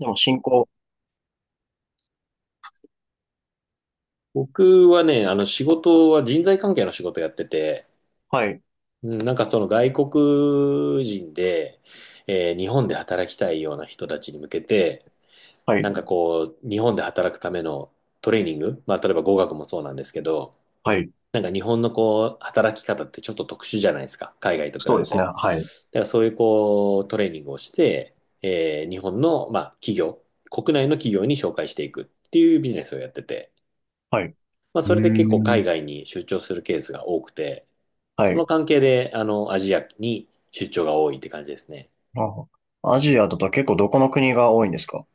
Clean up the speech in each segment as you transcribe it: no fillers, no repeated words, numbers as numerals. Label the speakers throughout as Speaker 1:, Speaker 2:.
Speaker 1: でも進行、
Speaker 2: 僕はね、あの仕事は人材関係の仕事やってて、
Speaker 1: はい、
Speaker 2: うんなんかその外国人で、日本で働きたいような人たちに向けて、
Speaker 1: は
Speaker 2: なん
Speaker 1: い、
Speaker 2: かこう、日本で働くためのトレーニング、まあ例えば語学もそうなんですけど、
Speaker 1: はい。
Speaker 2: なんか日本のこう、働き方ってちょっと特殊じゃないですか、海外と比
Speaker 1: そうで
Speaker 2: べ
Speaker 1: すね。
Speaker 2: て。
Speaker 1: はい、
Speaker 2: だからそういうこう、トレーニングをして、日本の、まあ企業、国内の企業に紹介していくっていうビジネスをやってて、
Speaker 1: はい、う
Speaker 2: まあ、それで結構
Speaker 1: ー
Speaker 2: 海
Speaker 1: ん。
Speaker 2: 外に出張するケースが多くて、
Speaker 1: は
Speaker 2: その
Speaker 1: い。
Speaker 2: 関係で、あの、アジアに出張が多いって感じですね。
Speaker 1: あ、アジアだと結構どこの国が多いんですか？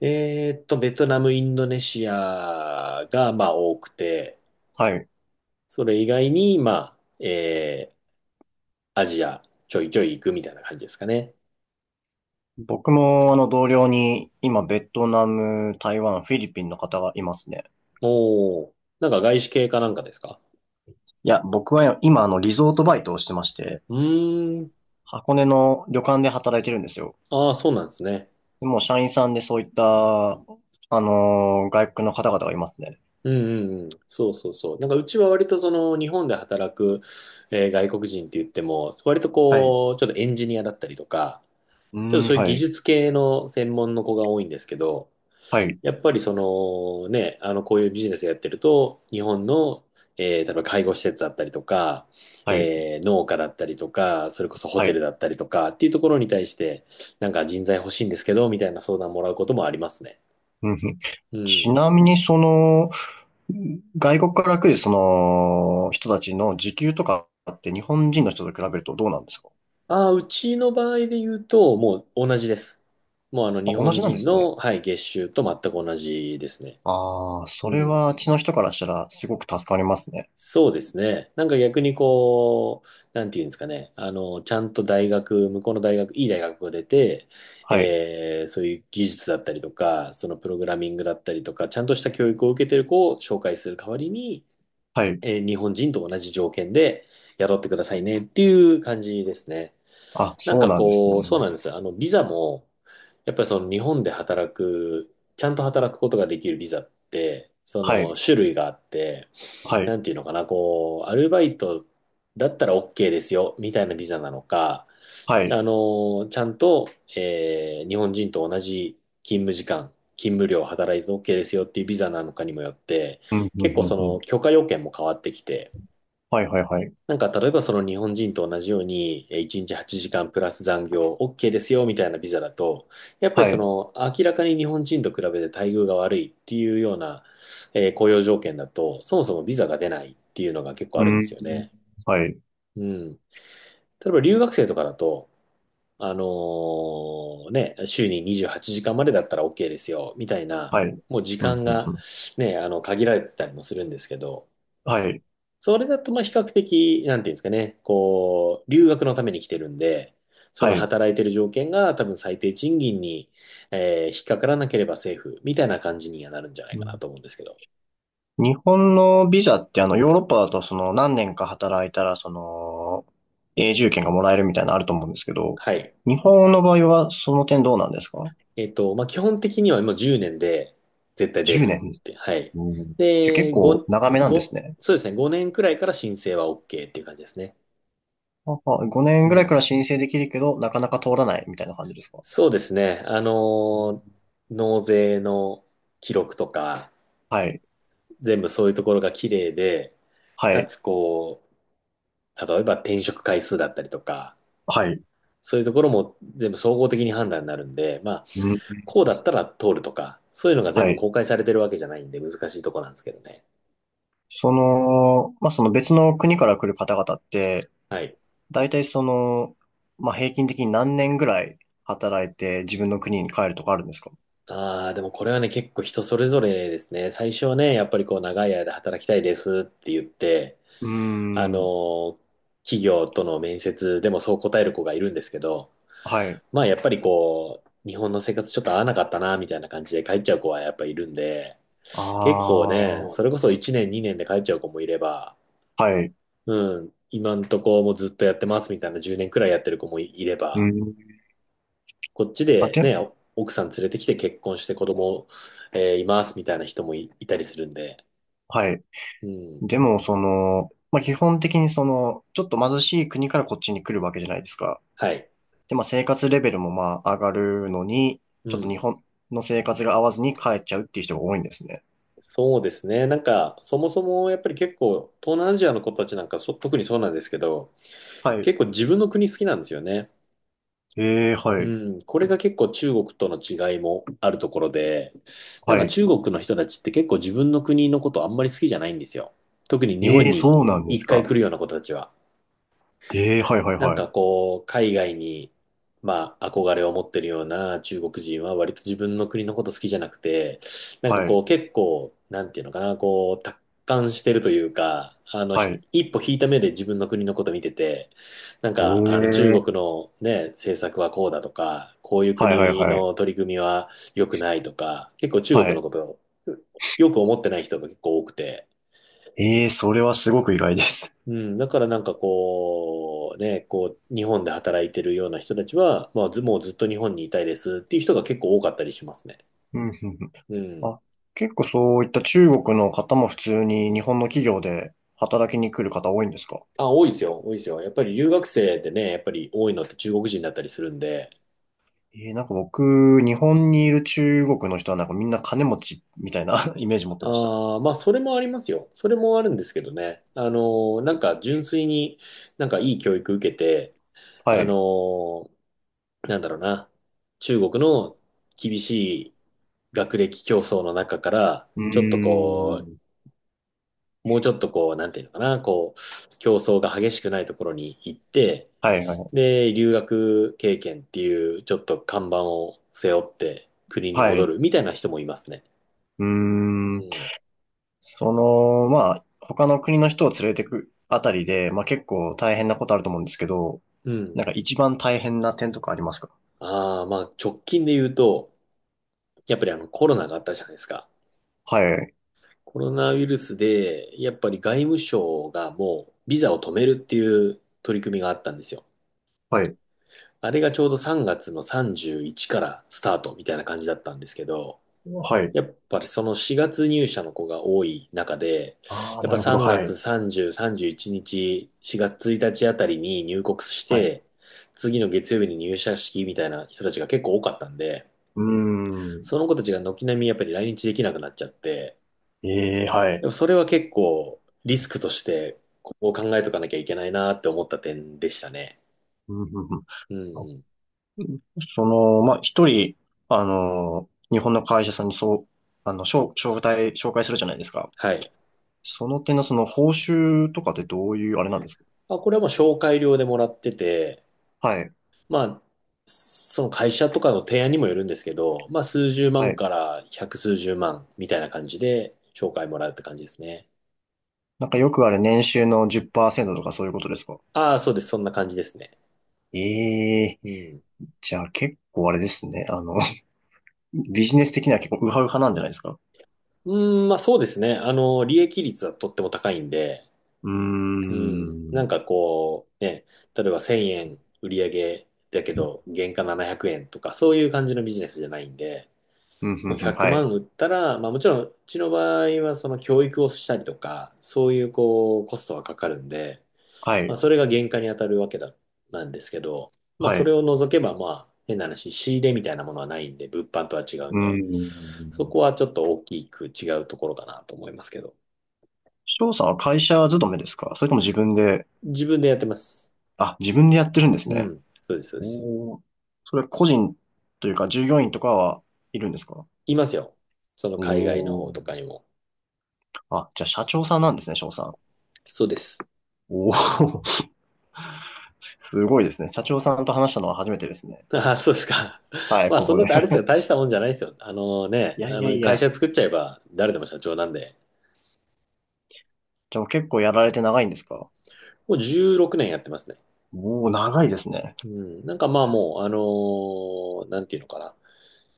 Speaker 2: ベトナム、インドネシアが、まあ、多くて、
Speaker 1: はい。
Speaker 2: それ以外に、まあ、アジアちょいちょい行くみたいな感じですかね。
Speaker 1: 僕もあの同僚に今ベトナム、台湾、フィリピンの方がいますね。
Speaker 2: おー、なんか外資系かなんかですか？
Speaker 1: いや、僕は今あのリゾートバイトをしてまして、
Speaker 2: うーん、
Speaker 1: 箱根の旅館で働いてるんですよ。
Speaker 2: ああ、そうなんですね。
Speaker 1: でもう社員さんでそういった、外国の方々がいますね。
Speaker 2: うんうんうん、そうそうそう。なんかうちは割とその日本で働く、外国人って言っても、割と
Speaker 1: はい。う
Speaker 2: こう、ちょっとエンジニアだったりとか、
Speaker 1: ー
Speaker 2: ちょっと
Speaker 1: ん、
Speaker 2: そういう
Speaker 1: は
Speaker 2: 技
Speaker 1: い、
Speaker 2: 術系の専門の子が多いんですけど、
Speaker 1: はい、
Speaker 2: やっぱりそのね、あのこういうビジネスやってると、日本の、例えば介護施設だったりとか、
Speaker 1: はい、
Speaker 2: 農家だったりとか、それこそホ
Speaker 1: は
Speaker 2: テル
Speaker 1: い。
Speaker 2: だったりとかっていうところに対して、なんか人材欲しいんですけど、みたいな相談もらうこともありますね。
Speaker 1: うんふん。
Speaker 2: う
Speaker 1: ち
Speaker 2: ん。
Speaker 1: なみにその、外国から来るその人たちの時給とかって日本人の人と比べるとどうなんですか？
Speaker 2: ああ、うちの場合で言うと、もう同じです。もうあの
Speaker 1: あ、
Speaker 2: 日
Speaker 1: 同
Speaker 2: 本
Speaker 1: じなんで
Speaker 2: 人
Speaker 1: すね。
Speaker 2: の、はい、月収と全く同じですね。
Speaker 1: ああ、そ
Speaker 2: う
Speaker 1: れ
Speaker 2: ん。
Speaker 1: はあっちの人からしたらすごく助かりますね。
Speaker 2: そうですね。なんか逆にこう、なんていうんですかね。あの、ちゃんと大学、向こうの大学、いい大学が出て、
Speaker 1: はい、
Speaker 2: そういう技術だったりとか、そのプログラミングだったりとか、ちゃんとした教育を受けてる子を紹介する代わりに、
Speaker 1: はい。
Speaker 2: 日本人と同じ条件で雇ってくださいねっていう感じですね。
Speaker 1: あ、
Speaker 2: なん
Speaker 1: そう
Speaker 2: か
Speaker 1: なんです
Speaker 2: こう、そう
Speaker 1: ね。
Speaker 2: なんですよ。あの、ビザも、やっぱりその日本で働く、ちゃんと働くことができるビザって、そ
Speaker 1: は
Speaker 2: の
Speaker 1: い、
Speaker 2: 種類があって、
Speaker 1: はい、
Speaker 2: なんていうのかな、こう、アルバイトだったら OK ですよ、みたいなビザなのか、
Speaker 1: はい。
Speaker 2: あの、ちゃんと、日本人と同じ勤務時間、勤務量働いて OK ですよっていうビザなのかにもよって、
Speaker 1: うん、うん、
Speaker 2: 結構
Speaker 1: うん、
Speaker 2: そ
Speaker 1: うん。
Speaker 2: の許可要件も変わってきて、
Speaker 1: はい、はい、はい。
Speaker 2: なんか、例えばその日本人と同じように、1日8時間プラス残業 OK ですよ、みたいなビザだと、やっぱり
Speaker 1: は
Speaker 2: そ
Speaker 1: い。
Speaker 2: の、明らかに日本人と比べて待遇が悪いっていうような、雇用条件だと、そもそもビザが出ないっていうのが結構
Speaker 1: う
Speaker 2: あるんです
Speaker 1: ん。
Speaker 2: よね。
Speaker 1: はい、
Speaker 2: うん。例えば留学生とかだと、あの週に28時間までだったら OK ですよ、みたいな、
Speaker 1: はい。
Speaker 2: もう時
Speaker 1: うん、うん、
Speaker 2: 間
Speaker 1: うん。
Speaker 2: がね、限られてたりもするんですけど、
Speaker 1: はい、
Speaker 2: それだと、まあ、比較的、なんていうんですかね、こう、留学のために来てるんで、その
Speaker 1: はい。
Speaker 2: 働いてる条件が多分最低賃金に、引っかからなければセーフ、みたいな感じにはなるんじゃない
Speaker 1: う
Speaker 2: かな
Speaker 1: ん。
Speaker 2: と思うんですけど。
Speaker 1: 日本のビザってヨーロッパだとその何年か働いたらその永住権がもらえるみたいなのあると思うんですけど、
Speaker 2: はい。
Speaker 1: 日本の場合はその点どうなんですか？
Speaker 2: まあ、基本的にはもう10年で絶対出
Speaker 1: 10
Speaker 2: る
Speaker 1: 年。
Speaker 2: って。はい。
Speaker 1: うん。じゃあ結
Speaker 2: で、
Speaker 1: 構
Speaker 2: 5、
Speaker 1: 長めなんです
Speaker 2: 5、
Speaker 1: ね。
Speaker 2: そうですね、5年くらいから申請は OK っていう感じですね。
Speaker 1: ああ、5
Speaker 2: う
Speaker 1: 年ぐらいか
Speaker 2: ん。
Speaker 1: ら申請できるけど、なかなか通らないみたいな感じですか？
Speaker 2: そうですね。
Speaker 1: うん。
Speaker 2: 納税の記録とか、
Speaker 1: はい、
Speaker 2: 全部そういうところが綺麗で、
Speaker 1: は
Speaker 2: か
Speaker 1: い、
Speaker 2: つこう、例えば転職回数だったりとか、
Speaker 1: はい、
Speaker 2: そういうところも全部総合的に判断になるんで、まあ、
Speaker 1: うん、
Speaker 2: こうだったら通るとか、そういうのが全
Speaker 1: は
Speaker 2: 部
Speaker 1: い。
Speaker 2: 公開されてるわけじゃないんで難しいとこなんですけどね。
Speaker 1: その、まあ、その別の国から来る方々って、
Speaker 2: はい。
Speaker 1: 大体その、まあ、平均的に何年ぐらい働いて自分の国に帰るとかあるんですか？
Speaker 2: ああ、でもこれはね、結構人それぞれですね。最初はね、やっぱりこう長い間働きたいですって言って、
Speaker 1: うー
Speaker 2: あの
Speaker 1: ん。
Speaker 2: ー企業との面接でもそう答える子がいるんですけど、
Speaker 1: はい。
Speaker 2: まあやっぱりこう、日本の生活ちょっと合わなかったな、みたいな感じで帰っちゃう子はやっぱいるんで、
Speaker 1: あ
Speaker 2: 結構ね、そ
Speaker 1: あ、
Speaker 2: れこそ1年2年で帰っちゃう子もいれば、
Speaker 1: はい。
Speaker 2: うん、今んとこもうずっとやってますみたいな10年くらいやってる子もいれ
Speaker 1: う
Speaker 2: ば、
Speaker 1: ん。
Speaker 2: こっち
Speaker 1: あ、
Speaker 2: で
Speaker 1: で、
Speaker 2: ね、お奥さん連れてきて結婚して子供、いますみたいな人もいたりするんで、
Speaker 1: はい。
Speaker 2: うん、
Speaker 1: でも、その、まあ、基本的にその、ちょっと貧しい国からこっちに来るわけじゃないですか。
Speaker 2: はい、
Speaker 1: で、まあ、生活レベルもまあ、上がるのに、
Speaker 2: う
Speaker 1: ちょっと
Speaker 2: ん。
Speaker 1: 日本の生活が合わずに帰っちゃうっていう人が多いんですね。
Speaker 2: そうですね。なんか、そもそもやっぱり結構、東南アジアの子たちなんか特にそうなんですけど、
Speaker 1: はい。
Speaker 2: 結構自分の国好きなんですよね。
Speaker 1: ええ、はい。
Speaker 2: うん、これが結構中国との違いもあるところで、なん
Speaker 1: は
Speaker 2: か
Speaker 1: い。
Speaker 2: 中国の人たちって結構自分の国のことあんまり好きじゃないんですよ。特に日本
Speaker 1: ええ、
Speaker 2: に
Speaker 1: そうなんで
Speaker 2: 一
Speaker 1: す
Speaker 2: 回
Speaker 1: か。
Speaker 2: 来るような子たちは。
Speaker 1: ええ、はい、はい、
Speaker 2: なん
Speaker 1: はい。
Speaker 2: かこう、海外に、まあ、憧れを持ってるような中国人は割と自分の国のこと好きじゃなくて、なんか
Speaker 1: は
Speaker 2: こ
Speaker 1: い。
Speaker 2: う、結構、なんていうのかな、こう、達観してるというか、あの、
Speaker 1: は
Speaker 2: ひ
Speaker 1: い。
Speaker 2: 一歩引いた目で自分の国のこと見てて、なんか、あの、中
Speaker 1: え
Speaker 2: 国
Speaker 1: え、
Speaker 2: のね、政策はこうだとか、こういう
Speaker 1: はい、はい、
Speaker 2: 国
Speaker 1: はい。
Speaker 2: の取り組みは良くないとか、結構中
Speaker 1: は
Speaker 2: 国の
Speaker 1: い。
Speaker 2: ことをよく思ってない人が結構多くて、
Speaker 1: ええ、それはすごく意外です。
Speaker 2: うん、だからなんかこう、ね、こう、日本で働いてるような人たちは、まあ、ず、もうずっと日本にいたいですっていう人が結構多かったりしますね。
Speaker 1: うん、うん、うん。
Speaker 2: うん。
Speaker 1: あ、結構そういった中国の方も普通に日本の企業で働きに来る方多いんですか？
Speaker 2: あ、多いですよ、多いですよ。やっぱり留学生ってね、やっぱり多いのって中国人だったりするんで、
Speaker 1: ええ、なんか僕、日本にいる中国の人はなんかみんな金持ちみたいな イメージ持ってました。
Speaker 2: ああ、まあ、それもありますよ。それもあるんですけどね。なんか純粋になんかいい教育受けて、
Speaker 1: は
Speaker 2: あの
Speaker 1: い。
Speaker 2: ーなんだろうな、中国の厳しい学歴競争の中から、
Speaker 1: うー
Speaker 2: ちょっとこ
Speaker 1: ん。
Speaker 2: もうちょっとこう、なんていうのかな、こう、競争が激しくないところに行って、
Speaker 1: はい、はい。
Speaker 2: で、留学経験っていう、ちょっと看板を背負って国に
Speaker 1: は
Speaker 2: 戻
Speaker 1: い。
Speaker 2: るみたいな人もいますね。
Speaker 1: うー
Speaker 2: う
Speaker 1: ん。
Speaker 2: ん。
Speaker 1: その、まあ、他の国の人を連れてくあたりで、まあ結構大変なことあると思うんですけど、
Speaker 2: うん。
Speaker 1: なんか一番大変な点とかありますか？
Speaker 2: ああ、まあ、直近で言うと、やっぱりコロナがあったじゃないですか。
Speaker 1: はい。
Speaker 2: コロナウイルスで、やっぱり外務省がもう、ビザを止めるっていう取り組みがあったんですよ。
Speaker 1: はい。
Speaker 2: あれがちょうど3月の31からスタートみたいな感じだったんですけど、
Speaker 1: はい。
Speaker 2: やっぱりその4月入社の子が多い中で、
Speaker 1: ああ、
Speaker 2: やっ
Speaker 1: な
Speaker 2: ぱ
Speaker 1: るほど。
Speaker 2: 3
Speaker 1: はい。
Speaker 2: 月30、31日、4月1日あたりに入国し
Speaker 1: はい。
Speaker 2: て、次の月曜日に入社式みたいな人たちが結構多かったんで、
Speaker 1: うーん。
Speaker 2: その子たちが軒並みやっぱり来日できなくなっちゃって、
Speaker 1: ええ、は
Speaker 2: で
Speaker 1: い。
Speaker 2: もそれは結構リスクとしてここを考えとかなきゃいけないなって思った点でしたね。
Speaker 1: うん、うん、うん。
Speaker 2: うん。
Speaker 1: その、まあ、一人、日本の会社さんにそう、紹介するじゃないですか。
Speaker 2: はい。
Speaker 1: その点のその報酬とかってどういうあれなんですか？
Speaker 2: あ、これはもう紹介料でもらってて、
Speaker 1: はい。
Speaker 2: まあ、その会社とかの提案にもよるんですけど、まあ、数十
Speaker 1: は
Speaker 2: 万
Speaker 1: い。
Speaker 2: から百数十万みたいな感じで紹介もらうって感じですね。
Speaker 1: なんかよくあれ年収の10%とかそういうことですか？
Speaker 2: ああ、そうです。そんな感じですね。
Speaker 1: ええ
Speaker 2: うん。
Speaker 1: ー、じゃあ結構あれですね。ビジネス的には結構ウハウハなんじゃないですか？
Speaker 2: うん、まあそうですね。利益率はとっても高いんで、
Speaker 1: うー
Speaker 2: うん。
Speaker 1: ん。う
Speaker 2: な
Speaker 1: ん、
Speaker 2: んかこう、ね、例えば1000円売り上げだけど、原価700円とか、そういう感じのビジネスじゃないんで、
Speaker 1: うん、
Speaker 2: もう
Speaker 1: うん、
Speaker 2: 100
Speaker 1: はい。
Speaker 2: 万売ったら、まあもちろん、うちの場合はその教育をしたりとか、そういうこう、コストがかかるんで、
Speaker 1: は
Speaker 2: まあ、
Speaker 1: い。
Speaker 2: それが原価に当たるわけだ、なんですけど、まあ、
Speaker 1: はい。
Speaker 2: それ
Speaker 1: う
Speaker 2: を除けば、まあ、変な話、仕入れみたいなものはないんで、物販とは違うん
Speaker 1: ん。
Speaker 2: で、そこはちょっと大きく違うところかなと思いますけど、
Speaker 1: 翔さんは会社勤めですか、それとも自分で？
Speaker 2: 自分でやってます。
Speaker 1: あ、自分でやってるんです
Speaker 2: う
Speaker 1: ね。
Speaker 2: ん、そうです、そうです。
Speaker 1: おお。それは個人というか従業員とかはいるんですか？
Speaker 2: いますよ。その
Speaker 1: お
Speaker 2: 海外の
Speaker 1: お
Speaker 2: 方と
Speaker 1: ー。
Speaker 2: かにも。
Speaker 1: あ、じゃあ社長さんなんですね、翔さん。
Speaker 2: そうです。
Speaker 1: おお。 すごいですね。社長さんと話したのは初めてですね。
Speaker 2: ああ、そうですか。
Speaker 1: は い、
Speaker 2: まあ、
Speaker 1: こ
Speaker 2: そ
Speaker 1: こ
Speaker 2: ん
Speaker 1: で。
Speaker 2: な、あれですよ、大したもんじゃないですよ。あの
Speaker 1: い
Speaker 2: ね、
Speaker 1: やいやい
Speaker 2: 会
Speaker 1: や。
Speaker 2: 社作っちゃえば、誰でも社長なんで、
Speaker 1: じゃあもう結構やられて長いんですか？
Speaker 2: もう16年やってますね。
Speaker 1: おおー、長いですね。
Speaker 2: うん、なんかまあもう、なんていうのかな。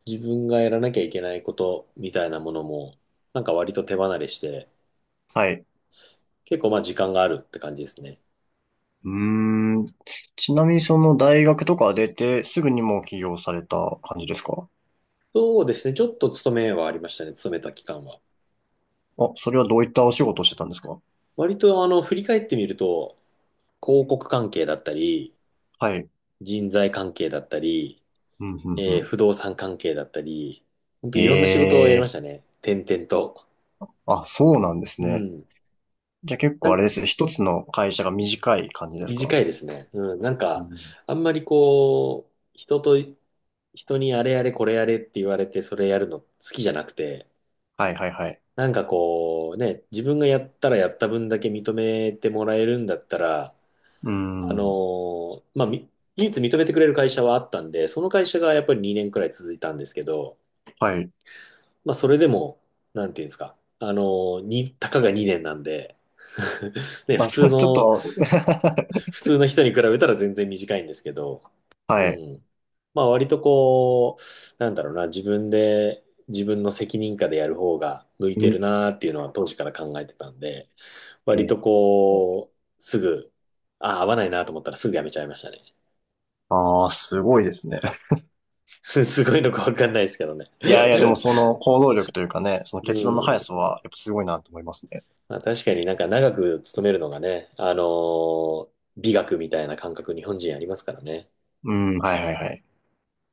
Speaker 2: 自分がやらなきゃいけないことみたいなものも、なんか割と手離れして、
Speaker 1: はい。
Speaker 2: 結構まあ時間があるって感じですね。
Speaker 1: うーん。ちなみにその大学とか出てすぐにもう起業された感じですか？
Speaker 2: そうですね。ちょっと勤めはありましたね。勤めた期間は。
Speaker 1: あ、それはどういったお仕事をしてたんですか？
Speaker 2: 割と振り返ってみると、広告関係だったり、
Speaker 1: はい。
Speaker 2: 人材関係だったり、
Speaker 1: うん、うん、うん。
Speaker 2: 不動産関係だったり、本当いろんな仕事をやりま
Speaker 1: え
Speaker 2: し
Speaker 1: え、
Speaker 2: たね。転々と。
Speaker 1: あ、そうなんです
Speaker 2: う
Speaker 1: ね。
Speaker 2: ん。
Speaker 1: じゃあ結
Speaker 2: な
Speaker 1: 構あれ
Speaker 2: ん
Speaker 1: ですね。一つの会社が短い感じです
Speaker 2: 短
Speaker 1: か？
Speaker 2: いですね。うん、なん
Speaker 1: う
Speaker 2: か、
Speaker 1: ん、
Speaker 2: あんまりこう、人と、人にあれやれこれやれって言われてそれやるの好きじゃなくて、
Speaker 1: はい、はい、はい。
Speaker 2: なんかこう、ね、自分がやったらやった分だけ認めてもらえるんだったら、
Speaker 1: うん。
Speaker 2: まあ、唯一認めてくれる会社はあったんで、その会社がやっぱり2年くらい続いたんですけど、
Speaker 1: はい。
Speaker 2: まあ、それでも、なんていうんですか、あのーに、たかが2年なんで、ね、
Speaker 1: まあ、ちょっと
Speaker 2: 普通の人に比べたら全然短いんですけど、う
Speaker 1: はい。
Speaker 2: ん。まあ割とこう、なんだろうな、自分の責任下でやる方が向い
Speaker 1: う
Speaker 2: て
Speaker 1: ん、
Speaker 2: るなーっていうのは当時から考えてたんで、
Speaker 1: え
Speaker 2: 割と
Speaker 1: ー
Speaker 2: こう、すぐ、ああ、合わないなと思ったらすぐやめちゃいましたね。
Speaker 1: ああ、すごいですね。
Speaker 2: すごいのかわかんないですけどね。
Speaker 1: いやいや、でもその行動力というかね、そ の
Speaker 2: う
Speaker 1: 決断の速
Speaker 2: ん。
Speaker 1: さは、やっぱすごいなと思いますね。
Speaker 2: まあ確かになんか長く勤めるのがね、ー美学みたいな感覚日本人ありますからね。
Speaker 1: うん、はいはいはい。